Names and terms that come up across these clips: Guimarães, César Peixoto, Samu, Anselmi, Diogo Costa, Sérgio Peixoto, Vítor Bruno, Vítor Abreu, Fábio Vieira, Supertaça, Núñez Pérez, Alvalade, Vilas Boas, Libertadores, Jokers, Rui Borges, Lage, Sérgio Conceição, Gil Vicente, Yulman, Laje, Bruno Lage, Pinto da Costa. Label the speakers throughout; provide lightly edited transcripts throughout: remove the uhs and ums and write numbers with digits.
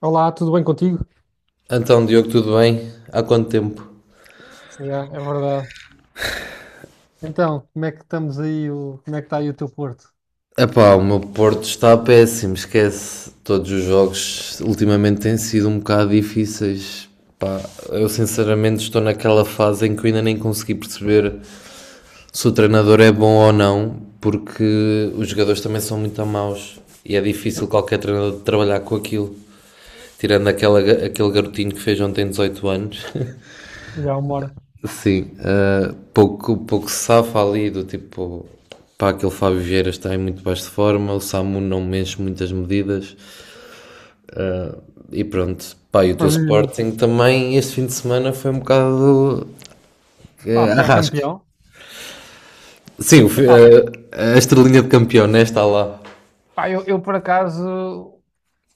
Speaker 1: Olá, tudo bem contigo?
Speaker 2: Então, Diogo, tudo bem? Há quanto tempo?
Speaker 1: Yeah, é verdade. Então, como é que estamos aí? Como é que está aí o teu Porto?
Speaker 2: Epá, o meu Porto está péssimo, esquece. Todos os jogos ultimamente têm sido um bocado difíceis. Pá, eu sinceramente estou naquela fase em que eu ainda nem consegui perceber se o treinador é bom ou não, porque os jogadores também são muito maus e é difícil qualquer treinador trabalhar com aquilo. Tirando aquele garotinho que fez ontem 18 anos.
Speaker 1: Já uma hora.
Speaker 2: Sim, pouco se safa ali do tipo, pá, aquele Fábio Vieira está em muito baixa forma, o Samu não mexe muitas medidas e pronto. Pá, e o teu
Speaker 1: Mas diz-me,
Speaker 2: Sporting também este fim de semana foi um bocado
Speaker 1: pá, foi a
Speaker 2: arrasca.
Speaker 1: campeão.
Speaker 2: Sim,
Speaker 1: Epá,
Speaker 2: a estrelinha de campeão, né, está lá.
Speaker 1: pá, eu por acaso,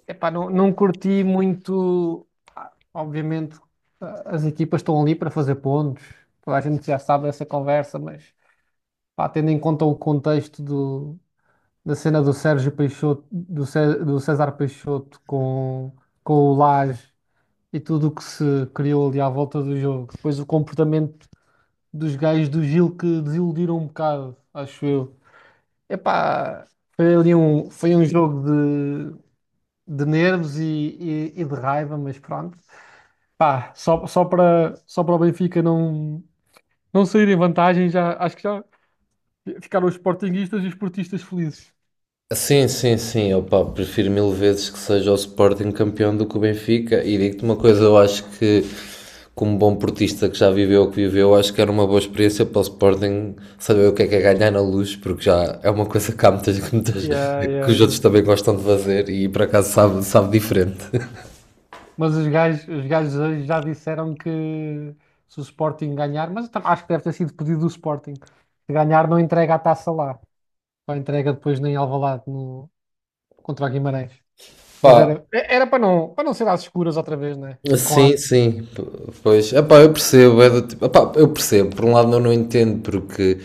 Speaker 1: epá, não curti muito. Ah, obviamente, ah, as equipas estão ali para fazer pontos. Toda a gente já sabe essa conversa, mas pá, tendo em conta da cena do Sérgio Peixoto, do César Peixoto com o Lage. E tudo o que se criou ali à volta do jogo. Depois o comportamento dos gajos do Gil que desiludiram um bocado, acho eu. Epá, foi um jogo de nervos e de raiva, mas pronto. Pá, só para o Benfica não sair em vantagem, já, acho que já ficaram os sportinguistas e os portistas felizes.
Speaker 2: Sim, sim, sim. Opa, prefiro mil vezes que seja o Sporting campeão do que o Benfica. E digo-te uma coisa, eu acho que, como bom portista que já viveu o que viveu, acho que era uma boa experiência para o Sporting saber o que é ganhar na luz, porque já é uma coisa que há muitas, que muitas-
Speaker 1: Yeah,
Speaker 2: que
Speaker 1: yeah,
Speaker 2: os outros
Speaker 1: yeah.
Speaker 2: também gostam de fazer e por acaso sabe, sabe diferente.
Speaker 1: Mas os gajos hoje já disseram que se o Sporting ganhar, mas acho que deve ter sido pedido do Sporting. Se ganhar, não entrega a taça lá. Só entrega depois nem Alvalade no, contra o Guimarães. Mas
Speaker 2: Pá,
Speaker 1: era para para não ser às escuras outra vez, né? E com a
Speaker 2: sim, sim, pois, epá, eu percebo, é do tipo, epá, eu percebo, por um lado eu não entendo porque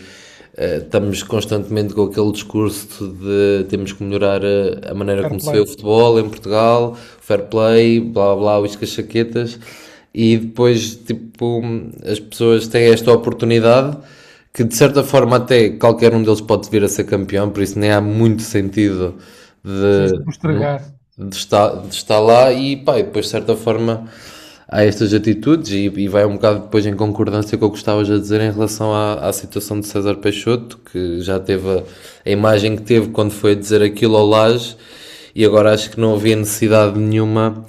Speaker 2: estamos constantemente com aquele discurso de temos que melhorar a maneira
Speaker 1: fair
Speaker 2: como se vê o
Speaker 1: play.
Speaker 2: futebol em Portugal, fair play, blá blá, uíscas chaquetas, e depois tipo as pessoas têm esta oportunidade que de certa forma até qualquer um deles pode vir a ser campeão, por isso nem há muito sentido
Speaker 1: Sim, o estragar.
Speaker 2: de estar lá e pá, e depois de certa forma há estas atitudes e vai um bocado depois em concordância com o que estavas a dizer em relação à situação de César Peixoto, que já teve a imagem que teve quando foi dizer aquilo ao Laje e agora acho que não havia necessidade nenhuma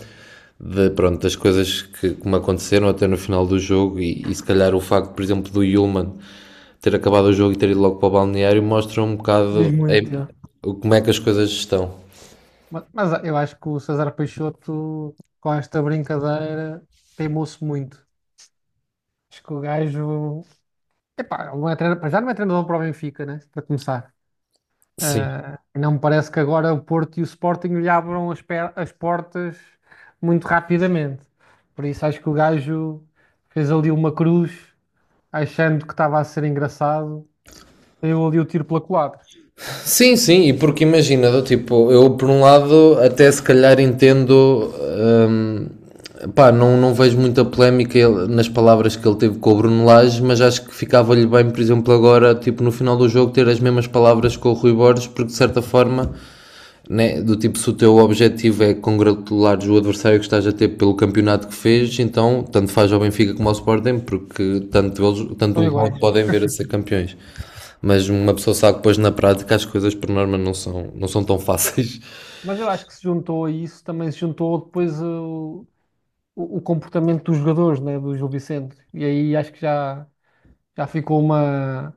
Speaker 2: de, pronto, das coisas que me aconteceram até no final do jogo e se calhar o facto, por exemplo, do Yulman ter acabado o jogo e ter ido logo para o balneário mostra um
Speaker 1: Diz
Speaker 2: bocado
Speaker 1: muito, já.
Speaker 2: como é que as coisas estão.
Speaker 1: Mas eu acho que o César Peixoto, com esta brincadeira, queimou-se muito. Acho que o gajo. Epá, ele não é treinador, para já não é treinador para o Benfica, né? Para começar.
Speaker 2: Sim.
Speaker 1: Ah, não me parece que agora o Porto e o Sporting lhe abram as portas muito rapidamente. Por isso acho que o gajo fez ali uma cruz, achando que estava a ser engraçado, deu ali o tiro pela culatra.
Speaker 2: Sim, sim, e porque imagina, do tipo, eu por um lado até se calhar entendo, pá, não, não vejo muita polémica nas palavras que ele teve com o Bruno Lage, mas acho que ficava-lhe bem, por exemplo, agora, tipo, no final do jogo, ter as mesmas palavras com o Rui Borges, porque de certa forma né? Do tipo, se o teu objetivo é congratular o adversário que estás a ter pelo campeonato que fez, então tanto faz ao Benfica como ao Sporting, porque tanto, eles, tanto
Speaker 1: São
Speaker 2: um como outro
Speaker 1: iguais.
Speaker 2: podem ver a ser campeões. Mas uma pessoa sabe que depois na prática as coisas por norma não são, não são tão fáceis.
Speaker 1: Mas eu acho que se juntou a isso, também se juntou depois o comportamento dos jogadores, né, do Gil Vicente. E aí acho que já, já ficou uma.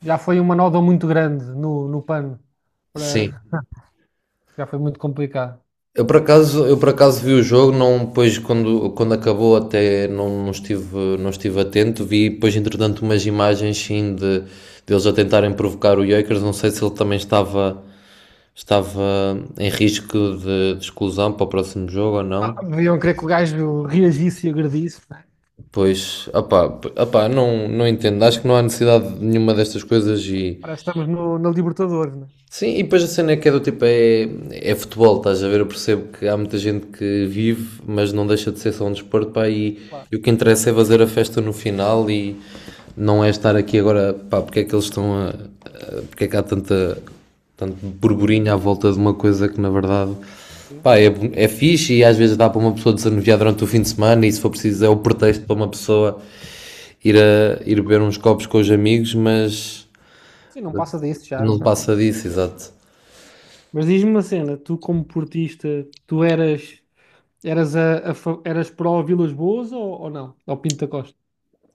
Speaker 1: Já foi uma nódoa muito grande no, no pano. Para-
Speaker 2: Sim.
Speaker 1: já foi muito complicado.
Speaker 2: Eu por acaso vi o jogo, não, depois quando, quando acabou até não, não estive, não estive atento, vi depois entretanto umas imagens sim de, deles a tentarem provocar o Jokers, não sei se ele também estava estava em risco de exclusão para o próximo jogo ou não.
Speaker 1: Deviam querer que o gajo reagisse e agredisse, né?
Speaker 2: Pois, opá, opá, não, não entendo. Acho que não há necessidade de nenhuma destas coisas e
Speaker 1: Parece que estamos no, na Libertadores, né?
Speaker 2: sim, e depois a cena é que é do tipo, é futebol, estás a ver? Eu percebo que há muita gente que vive, mas não deixa de ser só um desporto, pá,
Speaker 1: Claro.
Speaker 2: e o que interessa é fazer a festa no final e não é estar aqui agora, pá, porque é que eles estão porque é que há tanta, tanto
Speaker 1: Sim,
Speaker 2: burburinho à
Speaker 1: sim,
Speaker 2: volta de uma coisa que na verdade,
Speaker 1: sim.
Speaker 2: pá, é fixe e às vezes dá para uma pessoa desanuviar durante o fim de semana e se for preciso é o pretexto para uma pessoa ir beber uns copos com os amigos, mas
Speaker 1: Sim, não passa disso já,
Speaker 2: não
Speaker 1: né?
Speaker 2: passa disso, exato.
Speaker 1: Mas diz-me uma cena, tu como portista, tu eras eras eras pró Vilas Boas ou não? Ao Pinto da Costa?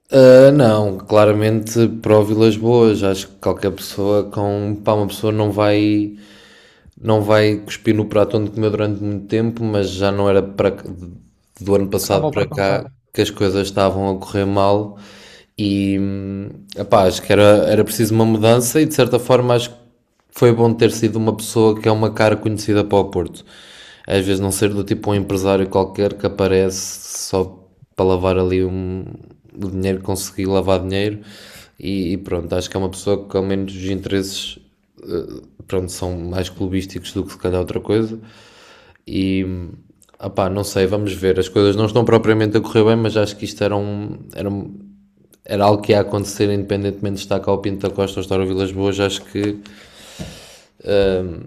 Speaker 2: Ah, não, claramente para Vilas Boas, acho que qualquer pessoa com, pá, uma pessoa não vai não vai cuspir no prato onde comeu durante muito tempo, mas já não era para do ano
Speaker 1: Estava
Speaker 2: passado
Speaker 1: a
Speaker 2: para
Speaker 1: ultrapassar.
Speaker 2: cá que as coisas estavam a correr mal e epá, acho que era, era preciso uma mudança e de certa forma acho que foi bom ter sido uma pessoa que é uma cara conhecida para o Porto. Às vezes não ser do tipo um empresário qualquer que aparece só para lavar o dinheiro, conseguir lavar dinheiro e pronto, acho que é uma pessoa que ao menos os interesses eh, pronto, são mais clubísticos do que se calhar outra coisa. E opá, não sei, vamos ver. As coisas não estão propriamente a correr bem, mas acho que isto era era algo que ia acontecer independentemente de estar cá o Pinto da Costa ou estar o Vilas Boas. Ahm,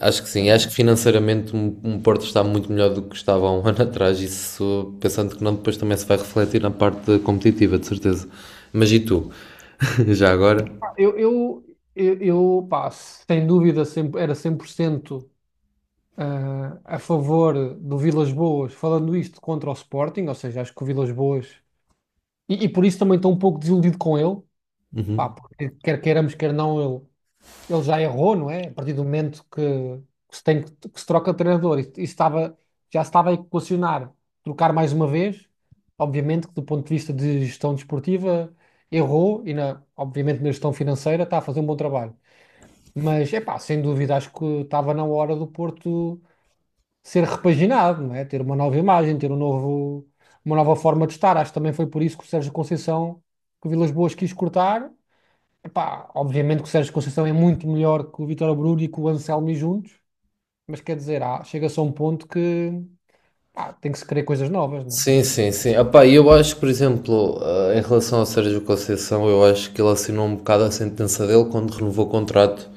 Speaker 2: acho que
Speaker 1: É,
Speaker 2: sim, acho que financeiramente um Porto está muito melhor do que estava há um ano atrás. Isso pensando que não, depois também se vai refletir na parte competitiva, de certeza. Mas e tu? Já agora?
Speaker 1: pá, eu pá, sem dúvida, sempre, era 100% ah, a favor do Vilas Boas, falando isto contra o Sporting, ou seja, acho que o Vilas Boas. E por isso também estou um pouco desiludido com ele, pá,
Speaker 2: Uhum.
Speaker 1: porque quer queiramos, quer não, ele já errou, não é? A partir do momento que se tem, que se troca de treinador, isso estava, já se estava a equacionar trocar mais uma vez. Obviamente que do ponto de vista de gestão desportiva errou e na, obviamente na gestão financeira está a fazer um bom trabalho. Mas é pá, sem dúvida acho que estava na hora do Porto ser repaginado, não é? Ter uma nova imagem, ter um novo, uma nova forma de estar. Acho que também foi por isso que o Sérgio Conceição que o Vilas Boas quis cortar. Epá, obviamente que o Sérgio Conceição é muito melhor que o Vítor Abreu e que o Anselmi juntos, mas quer dizer, ah, chega-se a um ponto que pá, tem que se querer coisas novas, né?
Speaker 2: Sim, sim, sim. Epá, e eu acho que, por exemplo, ah, em relação ao Sérgio Conceição, eu acho que ele assinou um bocado a sentença dele quando renovou o contrato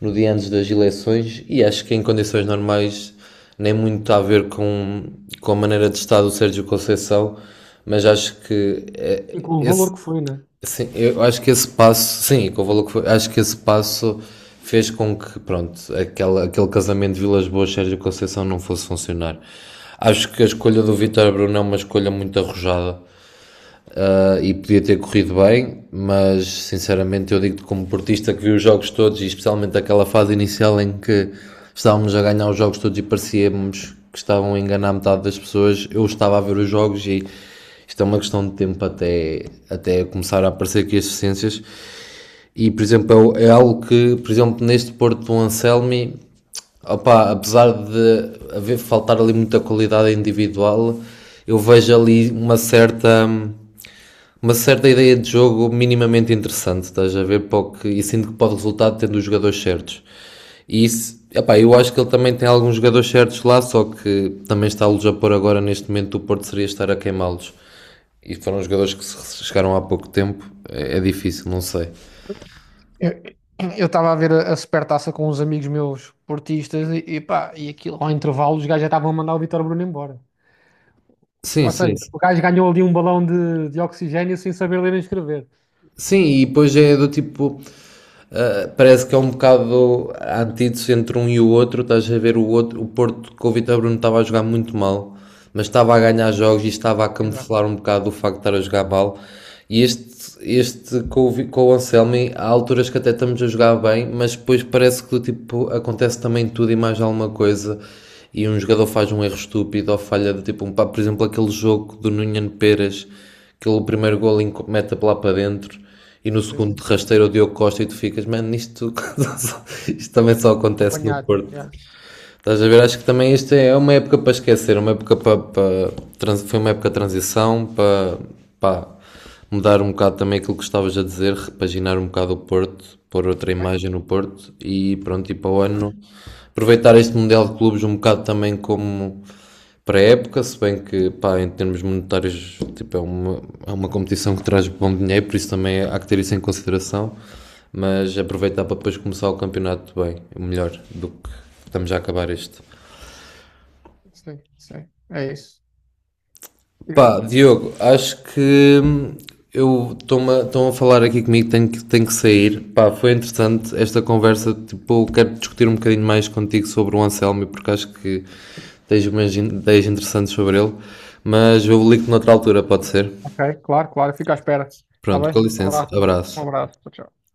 Speaker 2: no dia antes das eleições e acho que em condições normais nem muito a ver com a maneira de estar do Sérgio Conceição, mas acho que
Speaker 1: E com o valor que foi, né?
Speaker 2: sim, eu acho que esse passo, sim, com o valor que foi, acho que esse passo fez com que, pronto, aquele casamento de Vilas Boas Sérgio Conceição não fosse funcionar. Acho que a escolha do Vítor Bruno é uma escolha muito arrojada, ah, e podia ter corrido bem, mas sinceramente eu digo-te como portista que vi os jogos todos e especialmente aquela fase inicial em que estávamos a ganhar os jogos todos e parecíamos que estavam a enganar metade das pessoas, eu estava a ver os jogos e isto é uma questão de tempo até começar a aparecer aqui as deficiências e por exemplo é algo que, por exemplo, neste Porto do Anselmi opá, apesar de haver faltar ali muita qualidade individual, eu vejo ali uma certa ideia de jogo minimamente interessante, estás a ver? Porque, e sinto que pode resultar tendo os jogadores certos. E isso, epá, eu acho que ele também tem alguns jogadores certos lá, só que também está-los a pôr agora neste momento o Porto seria estar a queimá-los. E foram jogadores que chegaram há pouco tempo, é difícil, não sei.
Speaker 1: Eu eu estava a ver a Supertaça com uns amigos meus portistas e pá, e aquilo ao intervalo os gajos já estavam a mandar o Vítor Bruno embora.
Speaker 2: Sim,
Speaker 1: Ou
Speaker 2: sim.
Speaker 1: seja,
Speaker 2: Sim,
Speaker 1: o gajo ganhou ali um balão de oxigênio sem saber ler nem escrever.
Speaker 2: sim, e depois é do tipo, uh, parece que é um bocado a antítese entre um e o outro. Estás a ver o outro, o Porto com o Vitor Bruno estava a jogar muito mal, mas estava a ganhar jogos e estava a
Speaker 1: Exato,
Speaker 2: camuflar um bocado o facto de estar a jogar mal. E este com, com o Anselmi, há alturas que até estamos a jogar bem, mas depois parece que tipo, acontece também tudo e mais alguma coisa. E um jogador faz um erro estúpido ou falha de tipo um pá, por exemplo, aquele jogo do Núñez Pérez, aquele primeiro gol mete lá para dentro. E no
Speaker 1: sim,
Speaker 2: segundo de
Speaker 1: sim.
Speaker 2: rasteiro o Diogo Costa e tu ficas, mano, isto, isto também só acontece no
Speaker 1: Apanhado,
Speaker 2: Porto.
Speaker 1: yeah.
Speaker 2: Estás a ver? Acho que também isto é uma época para esquecer, uma época para foi uma época de transição para, pá, mudar um bocado também aquilo que estavas a dizer, repaginar um bocado o Porto, pôr outra imagem no Porto e pronto, e para o ano aproveitar este Mundial de Clubes um bocado também como para a época, se bem que, pá, em termos monetários, tipo, é é uma competição que traz bom dinheiro, por isso também há que ter isso em consideração, mas aproveitar para depois começar o campeonato bem, melhor do que estamos a acabar este.
Speaker 1: Sim, sim, é isso.
Speaker 2: Pá, Diogo, acho que eu estão a falar aqui comigo, tenho tenho que sair. Pá, foi interessante esta conversa, tipo, eu quero discutir um bocadinho mais contigo sobre o Anselmo, porque acho que tens umas ideias interessantes sobre ele, mas eu ligo-te noutra altura, pode ser?
Speaker 1: Ok, claro, claro. Fica à espera. Tá
Speaker 2: Pronto,
Speaker 1: bem?
Speaker 2: com
Speaker 1: Um
Speaker 2: licença,
Speaker 1: abraço. Um
Speaker 2: abraço.
Speaker 1: abraço. Tchau, tchau.